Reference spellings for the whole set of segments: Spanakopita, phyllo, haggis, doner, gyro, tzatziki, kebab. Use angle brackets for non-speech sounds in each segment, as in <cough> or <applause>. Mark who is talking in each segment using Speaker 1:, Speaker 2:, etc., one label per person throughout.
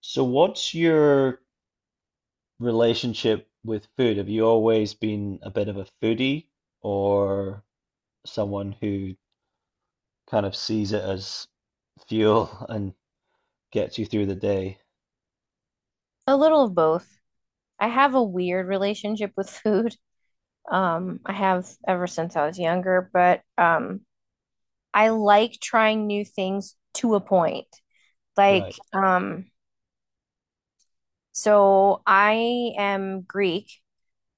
Speaker 1: So what's your relationship with food? Have you always been a bit of a foodie or someone who kind of sees it as fuel <laughs> and gets you through the day?
Speaker 2: A little of both. I have a weird relationship with <laughs> food. I have ever since I was younger, but I like trying new things to a point. Like,
Speaker 1: Right,
Speaker 2: um, so I am Greek,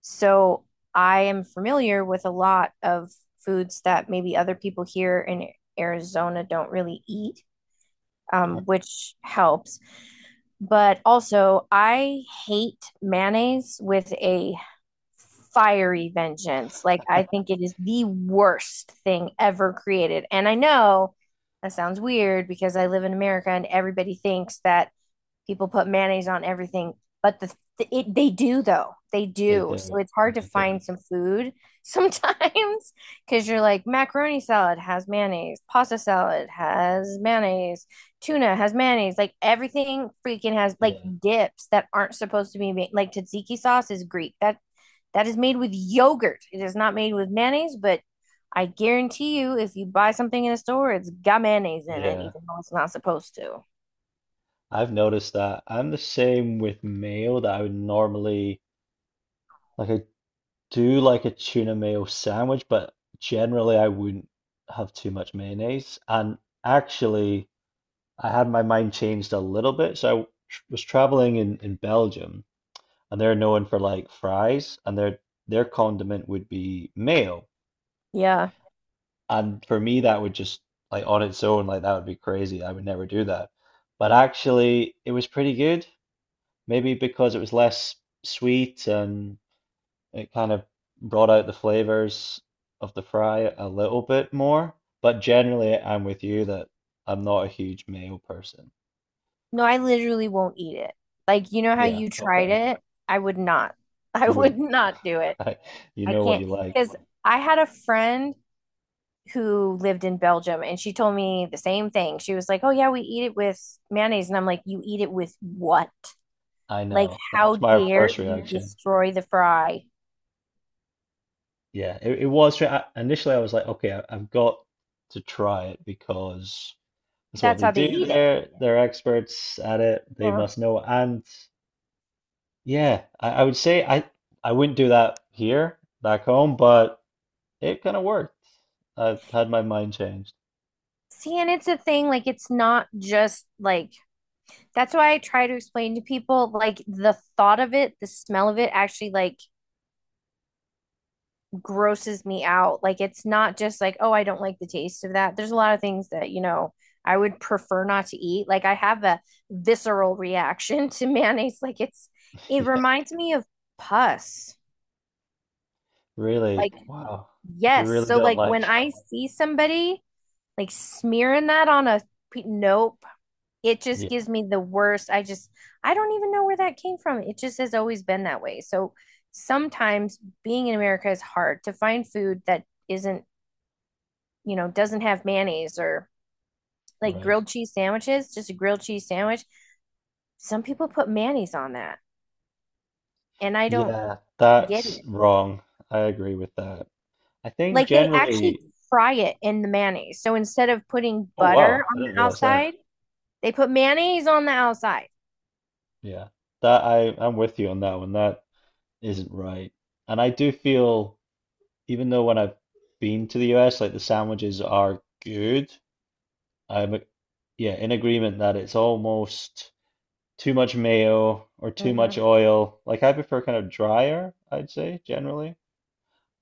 Speaker 2: so I am familiar with a lot of foods that maybe other people here in Arizona don't really eat,
Speaker 1: sure.
Speaker 2: which helps. But also, I hate mayonnaise with a fiery vengeance. Like, I
Speaker 1: <laughs>
Speaker 2: think it is the worst thing ever created. And I know that sounds weird because I live in America and everybody thinks that people put mayonnaise on everything but they do, though, they
Speaker 1: They
Speaker 2: do, so
Speaker 1: do.
Speaker 2: it's hard to
Speaker 1: They do.
Speaker 2: find some food <laughs> sometimes because you're like macaroni salad has mayonnaise, pasta salad has mayonnaise, tuna has mayonnaise, like everything freaking has, like
Speaker 1: Yeah.
Speaker 2: dips that aren't supposed to be made, like tzatziki sauce is Greek, that is made with yogurt, it is not made with mayonnaise. But I guarantee you if you buy something in a store, it's got mayonnaise in it
Speaker 1: Yeah,
Speaker 2: even though it's not supposed to.
Speaker 1: I've noticed that. I'm the same with mayo that I would normally like I do like a tuna mayo sandwich, but generally I wouldn't have too much mayonnaise. And actually, I had my mind changed a little bit. So I was traveling in Belgium, and they're known for like fries, and their condiment would be mayo.
Speaker 2: Yeah.
Speaker 1: And for me, that would just like on its own, like that would be crazy. I would never do that. But actually, it was pretty good. Maybe because it was less sweet and it kind of brought out the flavors of the fry a little bit more, but generally I'm with you that I'm not a huge mayo person.
Speaker 2: No, I literally won't eat it. Like, you know how
Speaker 1: Yeah,
Speaker 2: you tried
Speaker 1: okay.
Speaker 2: it? I would not. <laughs> I
Speaker 1: You
Speaker 2: would
Speaker 1: wouldn't.
Speaker 2: not do it.
Speaker 1: <laughs> I, you
Speaker 2: I
Speaker 1: know what you
Speaker 2: can't
Speaker 1: like.
Speaker 2: because I had a friend who lived in Belgium and she told me the same thing. She was like, "Oh yeah, we eat it with mayonnaise." And I'm like, "You eat it with what?
Speaker 1: I
Speaker 2: Like,
Speaker 1: know. That
Speaker 2: how
Speaker 1: was my
Speaker 2: dare
Speaker 1: first
Speaker 2: you
Speaker 1: reaction.
Speaker 2: destroy the fry?"
Speaker 1: Yeah, it was. Initially, I was like, okay, I've got to try it because that's what
Speaker 2: That's
Speaker 1: they
Speaker 2: how they
Speaker 1: do
Speaker 2: eat it.
Speaker 1: there. They're experts at it. They
Speaker 2: Yeah.
Speaker 1: must know. And yeah, I would say I wouldn't do that here back home, but it kind of worked. I've had my mind changed. <laughs>
Speaker 2: See, and it's a thing, like it's not just like that's why I try to explain to people, like the thought of it, the smell of it actually like grosses me out. Like it's not just like, oh, I don't like the taste of that. There's a lot of things that, I would prefer not to eat. Like I have a visceral reaction <laughs> to mayonnaise. Like it's, it
Speaker 1: Yeah,
Speaker 2: reminds me of pus.
Speaker 1: really.
Speaker 2: Like
Speaker 1: Wow. You
Speaker 2: yes.
Speaker 1: really
Speaker 2: So
Speaker 1: don't
Speaker 2: like
Speaker 1: like.
Speaker 2: when
Speaker 1: <laughs>
Speaker 2: I see somebody like smearing that on a nope, it just
Speaker 1: Yeah,
Speaker 2: gives me the worst. I just, I don't even know where that came from. It just has always been that way. So sometimes being in America is hard to find food that isn't, you know, doesn't have mayonnaise, or like
Speaker 1: right.
Speaker 2: grilled cheese sandwiches, just a grilled cheese sandwich. Some people put mayonnaise on that, and I don't
Speaker 1: Yeah,
Speaker 2: get
Speaker 1: that's
Speaker 2: it.
Speaker 1: wrong. I agree with that. I think
Speaker 2: Like they actually
Speaker 1: generally.
Speaker 2: fry it in the mayonnaise. So instead of putting
Speaker 1: Oh,
Speaker 2: butter
Speaker 1: wow. I
Speaker 2: on
Speaker 1: didn't
Speaker 2: the
Speaker 1: realize that.
Speaker 2: outside, they put mayonnaise on the outside.
Speaker 1: Yeah, that I I'm with you on that one. That isn't right. And I do feel, even though when I've been to the US, like the sandwiches are good. I'm, yeah, in agreement that it's almost. Too much mayo or too
Speaker 2: Hmm.
Speaker 1: much oil. Like I prefer kind of drier, I'd say generally,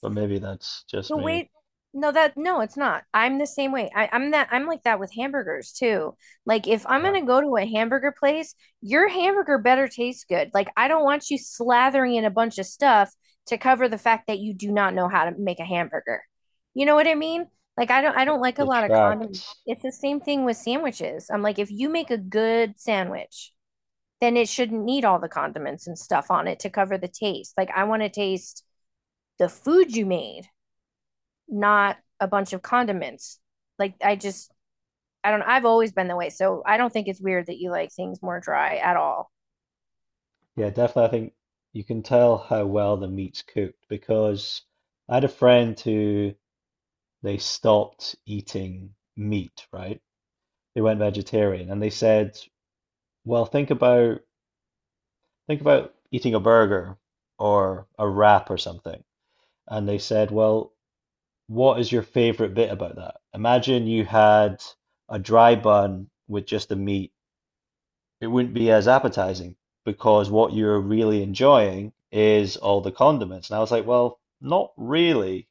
Speaker 1: but maybe that's just
Speaker 2: The
Speaker 1: me.
Speaker 2: wait, no, that, no, it's not. I'm the same way. I'm like that with hamburgers too. Like if I'm
Speaker 1: Right.
Speaker 2: gonna go to a hamburger place, your hamburger better taste good. Like I don't want you slathering in a bunch of stuff to cover the fact that you do not know how to make a hamburger. You know what I mean? Like I don't I
Speaker 1: It
Speaker 2: don't like a lot of condiments.
Speaker 1: detracts.
Speaker 2: It's the same thing with sandwiches. I'm like, if you make a good sandwich, then it shouldn't need all the condiments and stuff on it to cover the taste. Like I want to taste the food you made, not a bunch of condiments. Like I just, I don't I've always been that way. So I don't think it's weird that you like things more dry at all.
Speaker 1: Yeah, definitely. I think you can tell how well the meat's cooked because I had a friend who they stopped eating meat, right? They went vegetarian and they said, well, think about eating a burger or a wrap or something. And they said, well, what is your favorite bit about that? Imagine you had a dry bun with just the meat. It wouldn't be as appetizing because what you're really enjoying is all the condiments. And I was like, well, not really.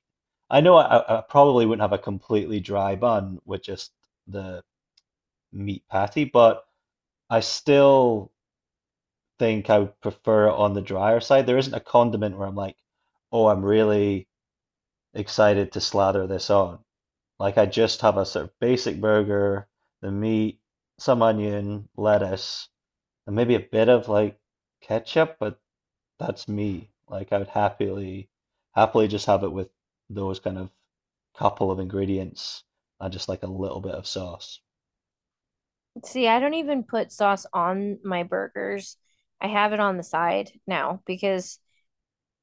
Speaker 1: I know I probably wouldn't have a completely dry bun with just the meat patty, but I still think I would prefer it on the drier side. There isn't a condiment where I'm like, oh, I'm really excited to slather this on. Like I just have a sort of basic burger, the meat, some onion, lettuce, and maybe a bit of like ketchup, but that's me. Like I would happily just have it with those kind of couple of ingredients and just like a little bit of sauce.
Speaker 2: See, I don't even put sauce on my burgers. I have it on the side now because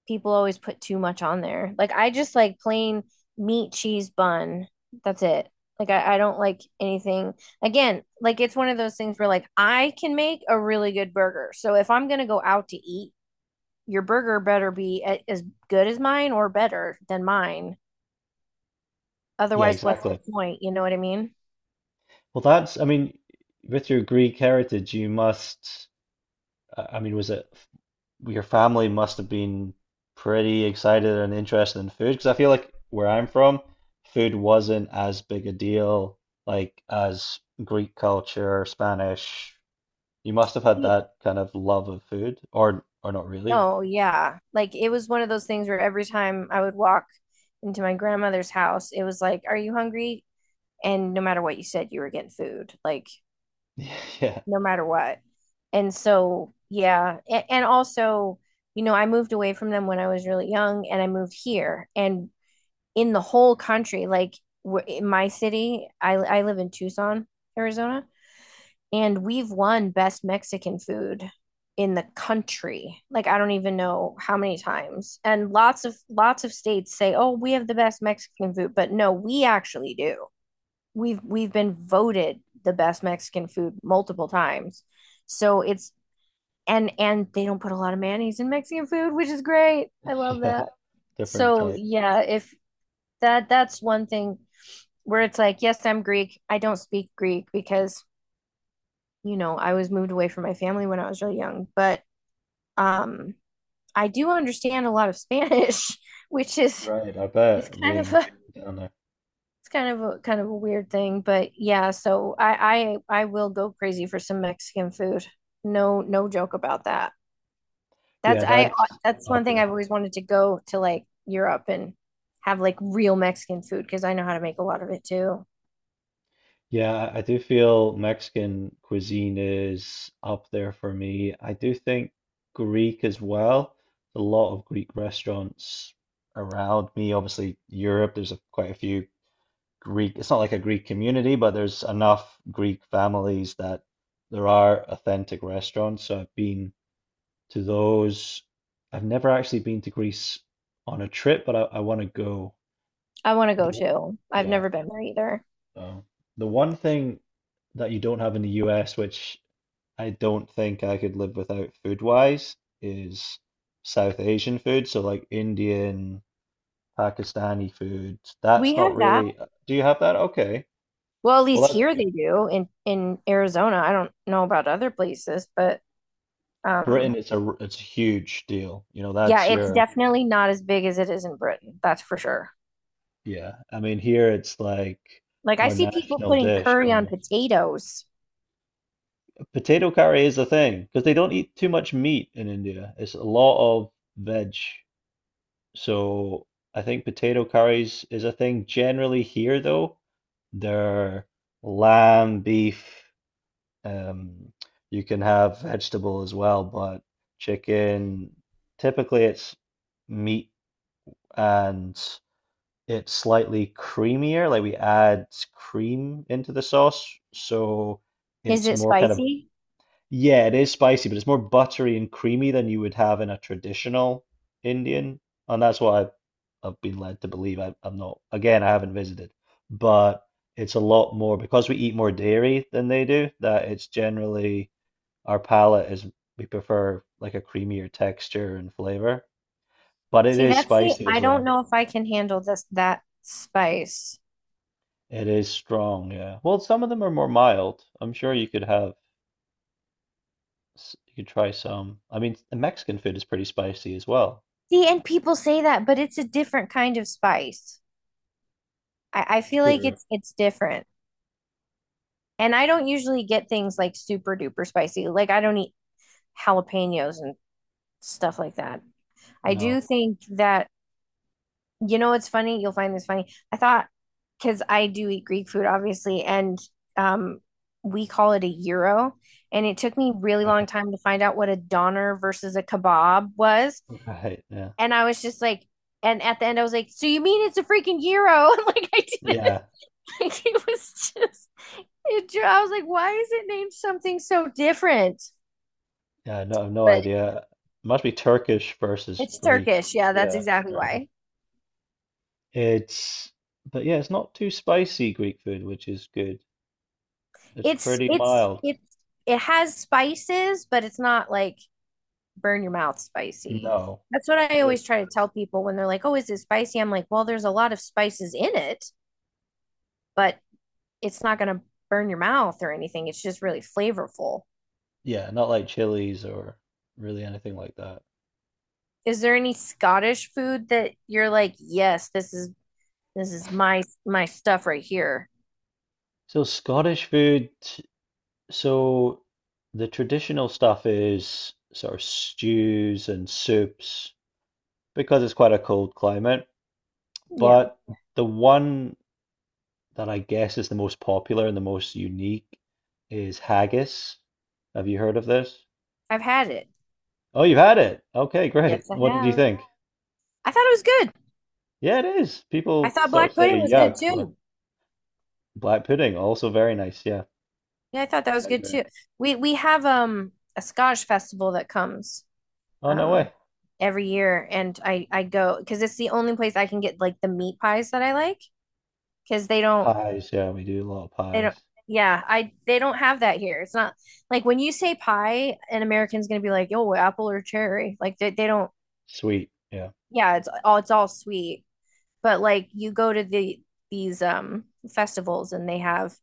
Speaker 2: people always put too much on there. Like I just like plain meat, cheese, bun. That's it. Like I don't like anything. Again, like it's one of those things where like I can make a really good burger. So if I'm gonna go out to eat, your burger better be as good as mine or better than mine.
Speaker 1: Yeah,
Speaker 2: Otherwise, what's the
Speaker 1: exactly.
Speaker 2: point? You know what I mean?
Speaker 1: Well, that's, I mean, with your Greek heritage, you must, I mean, was it your family must have been pretty excited and interested in food because I feel like where I'm from, food wasn't as big a deal like as Greek culture, Spanish. You must have had
Speaker 2: See.
Speaker 1: that kind of love of food, or not really.
Speaker 2: No, yeah. Like it was one of those things where every time I would walk into my grandmother's house, it was like, are you hungry? And no matter what you said, you were getting food, like
Speaker 1: <laughs> Yeah,
Speaker 2: no matter what. And so, yeah. And also, you know, I moved away from them when I was really young and I moved here. And in the whole country, like in my city, I live in Tucson, Arizona, and we've won best Mexican food in the country. Like I don't even know how many times. And lots of states say, "Oh, we have the best Mexican food," but no, we actually do. We've been voted the best Mexican food multiple times. So it's, and they don't put a lot of mayonnaise in Mexican food, which is great. I love
Speaker 1: yeah,
Speaker 2: that.
Speaker 1: different
Speaker 2: So
Speaker 1: type.
Speaker 2: yeah, if that's one thing where it's like, yes, I'm Greek. I don't speak Greek because you know, I was moved away from my family when I was really young, but um, I do understand a lot of <laughs> Spanish, which is
Speaker 1: Right, I
Speaker 2: is
Speaker 1: bet
Speaker 2: kind of a,
Speaker 1: being
Speaker 2: it's
Speaker 1: down there.
Speaker 2: kind of a, weird thing. But yeah, so I will go crazy for some Mexican food. No joke about that.
Speaker 1: Yeah,
Speaker 2: That's I
Speaker 1: that's
Speaker 2: that's one
Speaker 1: up
Speaker 2: thing
Speaker 1: there.
Speaker 2: I've always wanted to go to like Europe and have like real Mexican food because I know how to make a lot of it too.
Speaker 1: Yeah, I do feel Mexican cuisine is up there for me. I do think Greek as well. A lot of Greek restaurants around me. Obviously, Europe, there's a, quite a few Greek. It's not like a Greek community, but there's enough Greek families that there are authentic restaurants. So I've been to those. I've never actually been to Greece on a trip, but I want to go.
Speaker 2: I want to go
Speaker 1: The-
Speaker 2: too. I've
Speaker 1: Yeah.
Speaker 2: never been there either.
Speaker 1: Oh. The one thing that you don't have in the US, which I don't think I could live without food wise, is South Asian food. So, like Indian, Pakistani food. That's
Speaker 2: We
Speaker 1: not
Speaker 2: have that.
Speaker 1: really. Do you have that? Okay.
Speaker 2: Well, at
Speaker 1: Well,
Speaker 2: least
Speaker 1: that's
Speaker 2: here they
Speaker 1: good.
Speaker 2: do in Arizona. I don't know about other places, but um,
Speaker 1: Britain, it's a huge deal. You know,
Speaker 2: yeah,
Speaker 1: that's
Speaker 2: it's
Speaker 1: your
Speaker 2: definitely not as big as it is in Britain. That's for sure.
Speaker 1: yeah. I mean, here it's like
Speaker 2: Like I
Speaker 1: our
Speaker 2: see people
Speaker 1: national
Speaker 2: putting
Speaker 1: dish
Speaker 2: curry on
Speaker 1: almost.
Speaker 2: potatoes.
Speaker 1: Potato curry is a thing because they don't eat too much meat in India. It's a lot of veg. So I think potato curries is a thing generally here, though. They're lamb, beef. Um, you can have vegetable as well, but chicken, typically it's meat and it's slightly creamier. Like we add cream into the sauce, so
Speaker 2: Is
Speaker 1: it's
Speaker 2: it
Speaker 1: more kind of
Speaker 2: spicy?
Speaker 1: yeah, it is spicy, but it's more buttery and creamy than you would have in a traditional Indian, and that's what I've been led to believe. I'm not, again, I haven't visited, but it's a lot more because we eat more dairy than they do. That it's generally our palate is we prefer like a creamier texture and flavor, but it
Speaker 2: See,
Speaker 1: is
Speaker 2: that's the,
Speaker 1: spicy as
Speaker 2: I don't
Speaker 1: well.
Speaker 2: know if I can handle this that spice.
Speaker 1: It is strong, yeah. Well, some of them are more mild. I'm sure you could have, you could try some. I mean, the Mexican food is pretty spicy as well.
Speaker 2: See, and people say that, but it's a different kind of spice. I feel like
Speaker 1: True.
Speaker 2: it's different. And I don't usually get things like super duper spicy. Like I don't eat jalapenos and stuff like that. I do
Speaker 1: No. <laughs>
Speaker 2: think that, you know, it's funny. You'll find this funny. I thought, because I do eat Greek food, obviously, and um, we call it a gyro. And it took me really
Speaker 1: Right.
Speaker 2: long time to find out what a doner versus a kebab was.
Speaker 1: Right. Yeah.
Speaker 2: And I was just like, and at the end, I was like, so you mean it's a freaking gyro? <laughs> Like, I didn't,
Speaker 1: Yeah.
Speaker 2: <laughs> like, it was just, it, I was like, why is it named something so different?
Speaker 1: Yeah. No, I have no
Speaker 2: But
Speaker 1: idea. Must be Turkish versus
Speaker 2: it's
Speaker 1: Greek.
Speaker 2: Turkish. Yeah, that's
Speaker 1: Yeah.
Speaker 2: exactly
Speaker 1: Right.
Speaker 2: why.
Speaker 1: It's, but yeah, it's not too spicy Greek food, which is good. It's pretty mild.
Speaker 2: It's it has spices, but it's not like burn your mouth spicy.
Speaker 1: No.
Speaker 2: That's what I
Speaker 1: Not as,
Speaker 2: always try to tell people when they're like, "Oh, is it spicy?" I'm like, "Well, there's a lot of spices in it, but it's not going to burn your mouth or anything. It's just really flavorful."
Speaker 1: yeah, not like chilies or really anything like that.
Speaker 2: Is there any Scottish food that you're like, "Yes, this is, this is my my stuff right here."
Speaker 1: So Scottish food, so the traditional stuff is sort of stews and soups because it's quite a cold climate.
Speaker 2: Yeah,
Speaker 1: But the one that I guess is the most popular and the most unique is haggis. Have you heard of this?
Speaker 2: I've had it.
Speaker 1: Oh, you've had it. Okay, great.
Speaker 2: Yes, I
Speaker 1: What did you
Speaker 2: have.
Speaker 1: think?
Speaker 2: I thought it was good.
Speaker 1: Yeah, it is.
Speaker 2: I
Speaker 1: People
Speaker 2: thought
Speaker 1: sort of
Speaker 2: black
Speaker 1: say
Speaker 2: pudding was good
Speaker 1: yuck, but
Speaker 2: too.
Speaker 1: black pudding also very nice. Yeah,
Speaker 2: Yeah, I thought that was
Speaker 1: I
Speaker 2: good
Speaker 1: agree.
Speaker 2: too. We have um, a Scottish festival that comes
Speaker 1: Oh, no
Speaker 2: um,
Speaker 1: way.
Speaker 2: every year and I go because it's the only place I can get like the meat pies that I like because they don't
Speaker 1: Pies. Yeah, we do a lot of
Speaker 2: they don't
Speaker 1: pies.
Speaker 2: yeah, I, they don't have that here. It's not like when you say pie, an American's gonna be like, "Oh, apple or cherry." Like they don't,
Speaker 1: Sweet. Yeah.
Speaker 2: yeah, it's all, it's all sweet. But like you go to the, these um, festivals and they have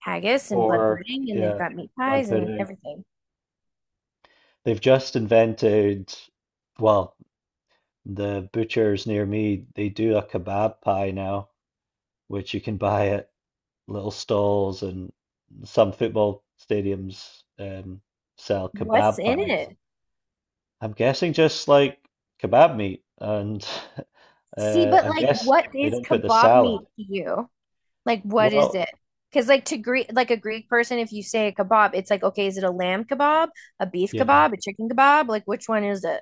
Speaker 2: haggis and blood
Speaker 1: Pork.
Speaker 2: pudding and they've
Speaker 1: Yeah.
Speaker 2: got meat
Speaker 1: Blood
Speaker 2: pies and
Speaker 1: pudding.
Speaker 2: everything.
Speaker 1: They've just invented, well, the butchers near me, they do a kebab pie now, which you can buy at little stalls, and some football stadiums sell
Speaker 2: What's
Speaker 1: kebab
Speaker 2: in
Speaker 1: pies.
Speaker 2: it?
Speaker 1: I'm guessing just like kebab meat, and <laughs>
Speaker 2: See, but
Speaker 1: I
Speaker 2: like,
Speaker 1: guess
Speaker 2: what
Speaker 1: they
Speaker 2: is
Speaker 1: don't put the
Speaker 2: kebab
Speaker 1: salad.
Speaker 2: meat to you? Like, what is
Speaker 1: Well,
Speaker 2: it? Because like to Greek, like a Greek person, if you say a kebab, it's like, okay, is it a lamb kebab, a beef
Speaker 1: yeah,
Speaker 2: kebab, a chicken kebab? Like, which one is it?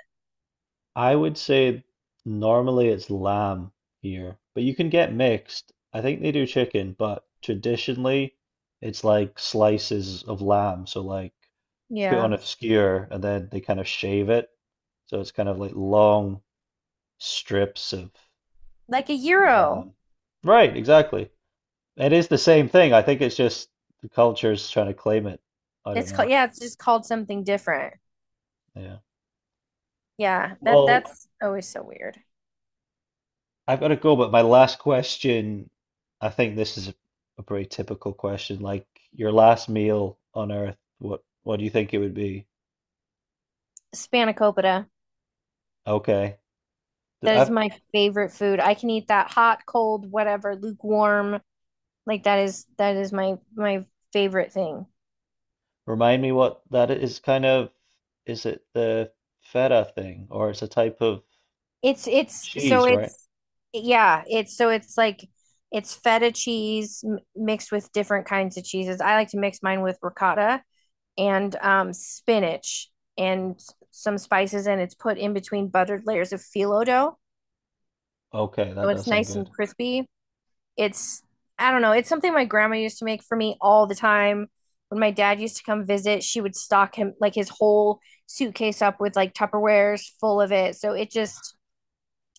Speaker 1: I would say normally it's lamb here, but you can get mixed. I think they do chicken, but traditionally it's like slices of lamb. So like put on
Speaker 2: Yeah,
Speaker 1: a skewer and then they kind of shave it. So it's kind of like long strips of
Speaker 2: like a gyro.
Speaker 1: lamb. Right, exactly. It is the same thing. I think it's just the culture's trying to claim it. I don't
Speaker 2: It's called,
Speaker 1: know.
Speaker 2: yeah, it's just called something different.
Speaker 1: Yeah.
Speaker 2: Yeah, that
Speaker 1: Well,
Speaker 2: that's always so weird.
Speaker 1: I've got to go, but my last question, I think this is a pretty typical question. Like your last meal on Earth, what do you think it would be?
Speaker 2: Spanakopita.
Speaker 1: Okay. Th-
Speaker 2: That is my favorite food. I can eat that hot, cold, whatever, lukewarm. Like that is, that is my my favorite thing.
Speaker 1: remind me what that is kind of, is it the feta thing or it's a type of
Speaker 2: It's it's so
Speaker 1: cheese, right?
Speaker 2: it's yeah, it's so it's like it's feta cheese mixed with different kinds of cheeses. I like to mix mine with ricotta and um, spinach and some spices and it's put in between buttered layers of phyllo dough.
Speaker 1: Okay, that
Speaker 2: So
Speaker 1: does
Speaker 2: it's
Speaker 1: sound
Speaker 2: nice
Speaker 1: good.
Speaker 2: and crispy. It's, I don't know, it's something my grandma used to make for me all the time. When my dad used to come visit, she would stock him like his whole suitcase up with like Tupperwares full of it. So it just,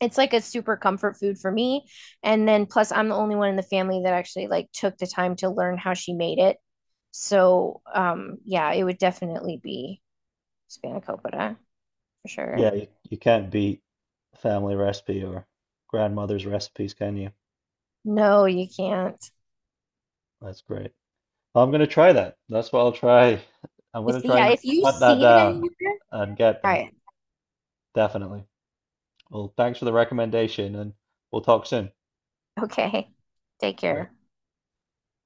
Speaker 2: it's like a super comfort food for me. And then plus I'm the only one in the family that actually like took the time to learn how she made it. So um, yeah, it would definitely be spanakopita for sure.
Speaker 1: Yeah, you can't beat family recipe or grandmother's recipes, can you?
Speaker 2: No, you can't.
Speaker 1: That's great. Well, I'm gonna try that. That's what I'll try. I'm
Speaker 2: If
Speaker 1: gonna try
Speaker 2: yeah,
Speaker 1: and
Speaker 2: if you
Speaker 1: hunt that
Speaker 2: see it
Speaker 1: down
Speaker 2: anywhere,
Speaker 1: and get
Speaker 2: try
Speaker 1: that,
Speaker 2: it.
Speaker 1: definitely. Well, thanks for the recommendation and we'll talk soon.
Speaker 2: Okay. Take
Speaker 1: Great.
Speaker 2: care.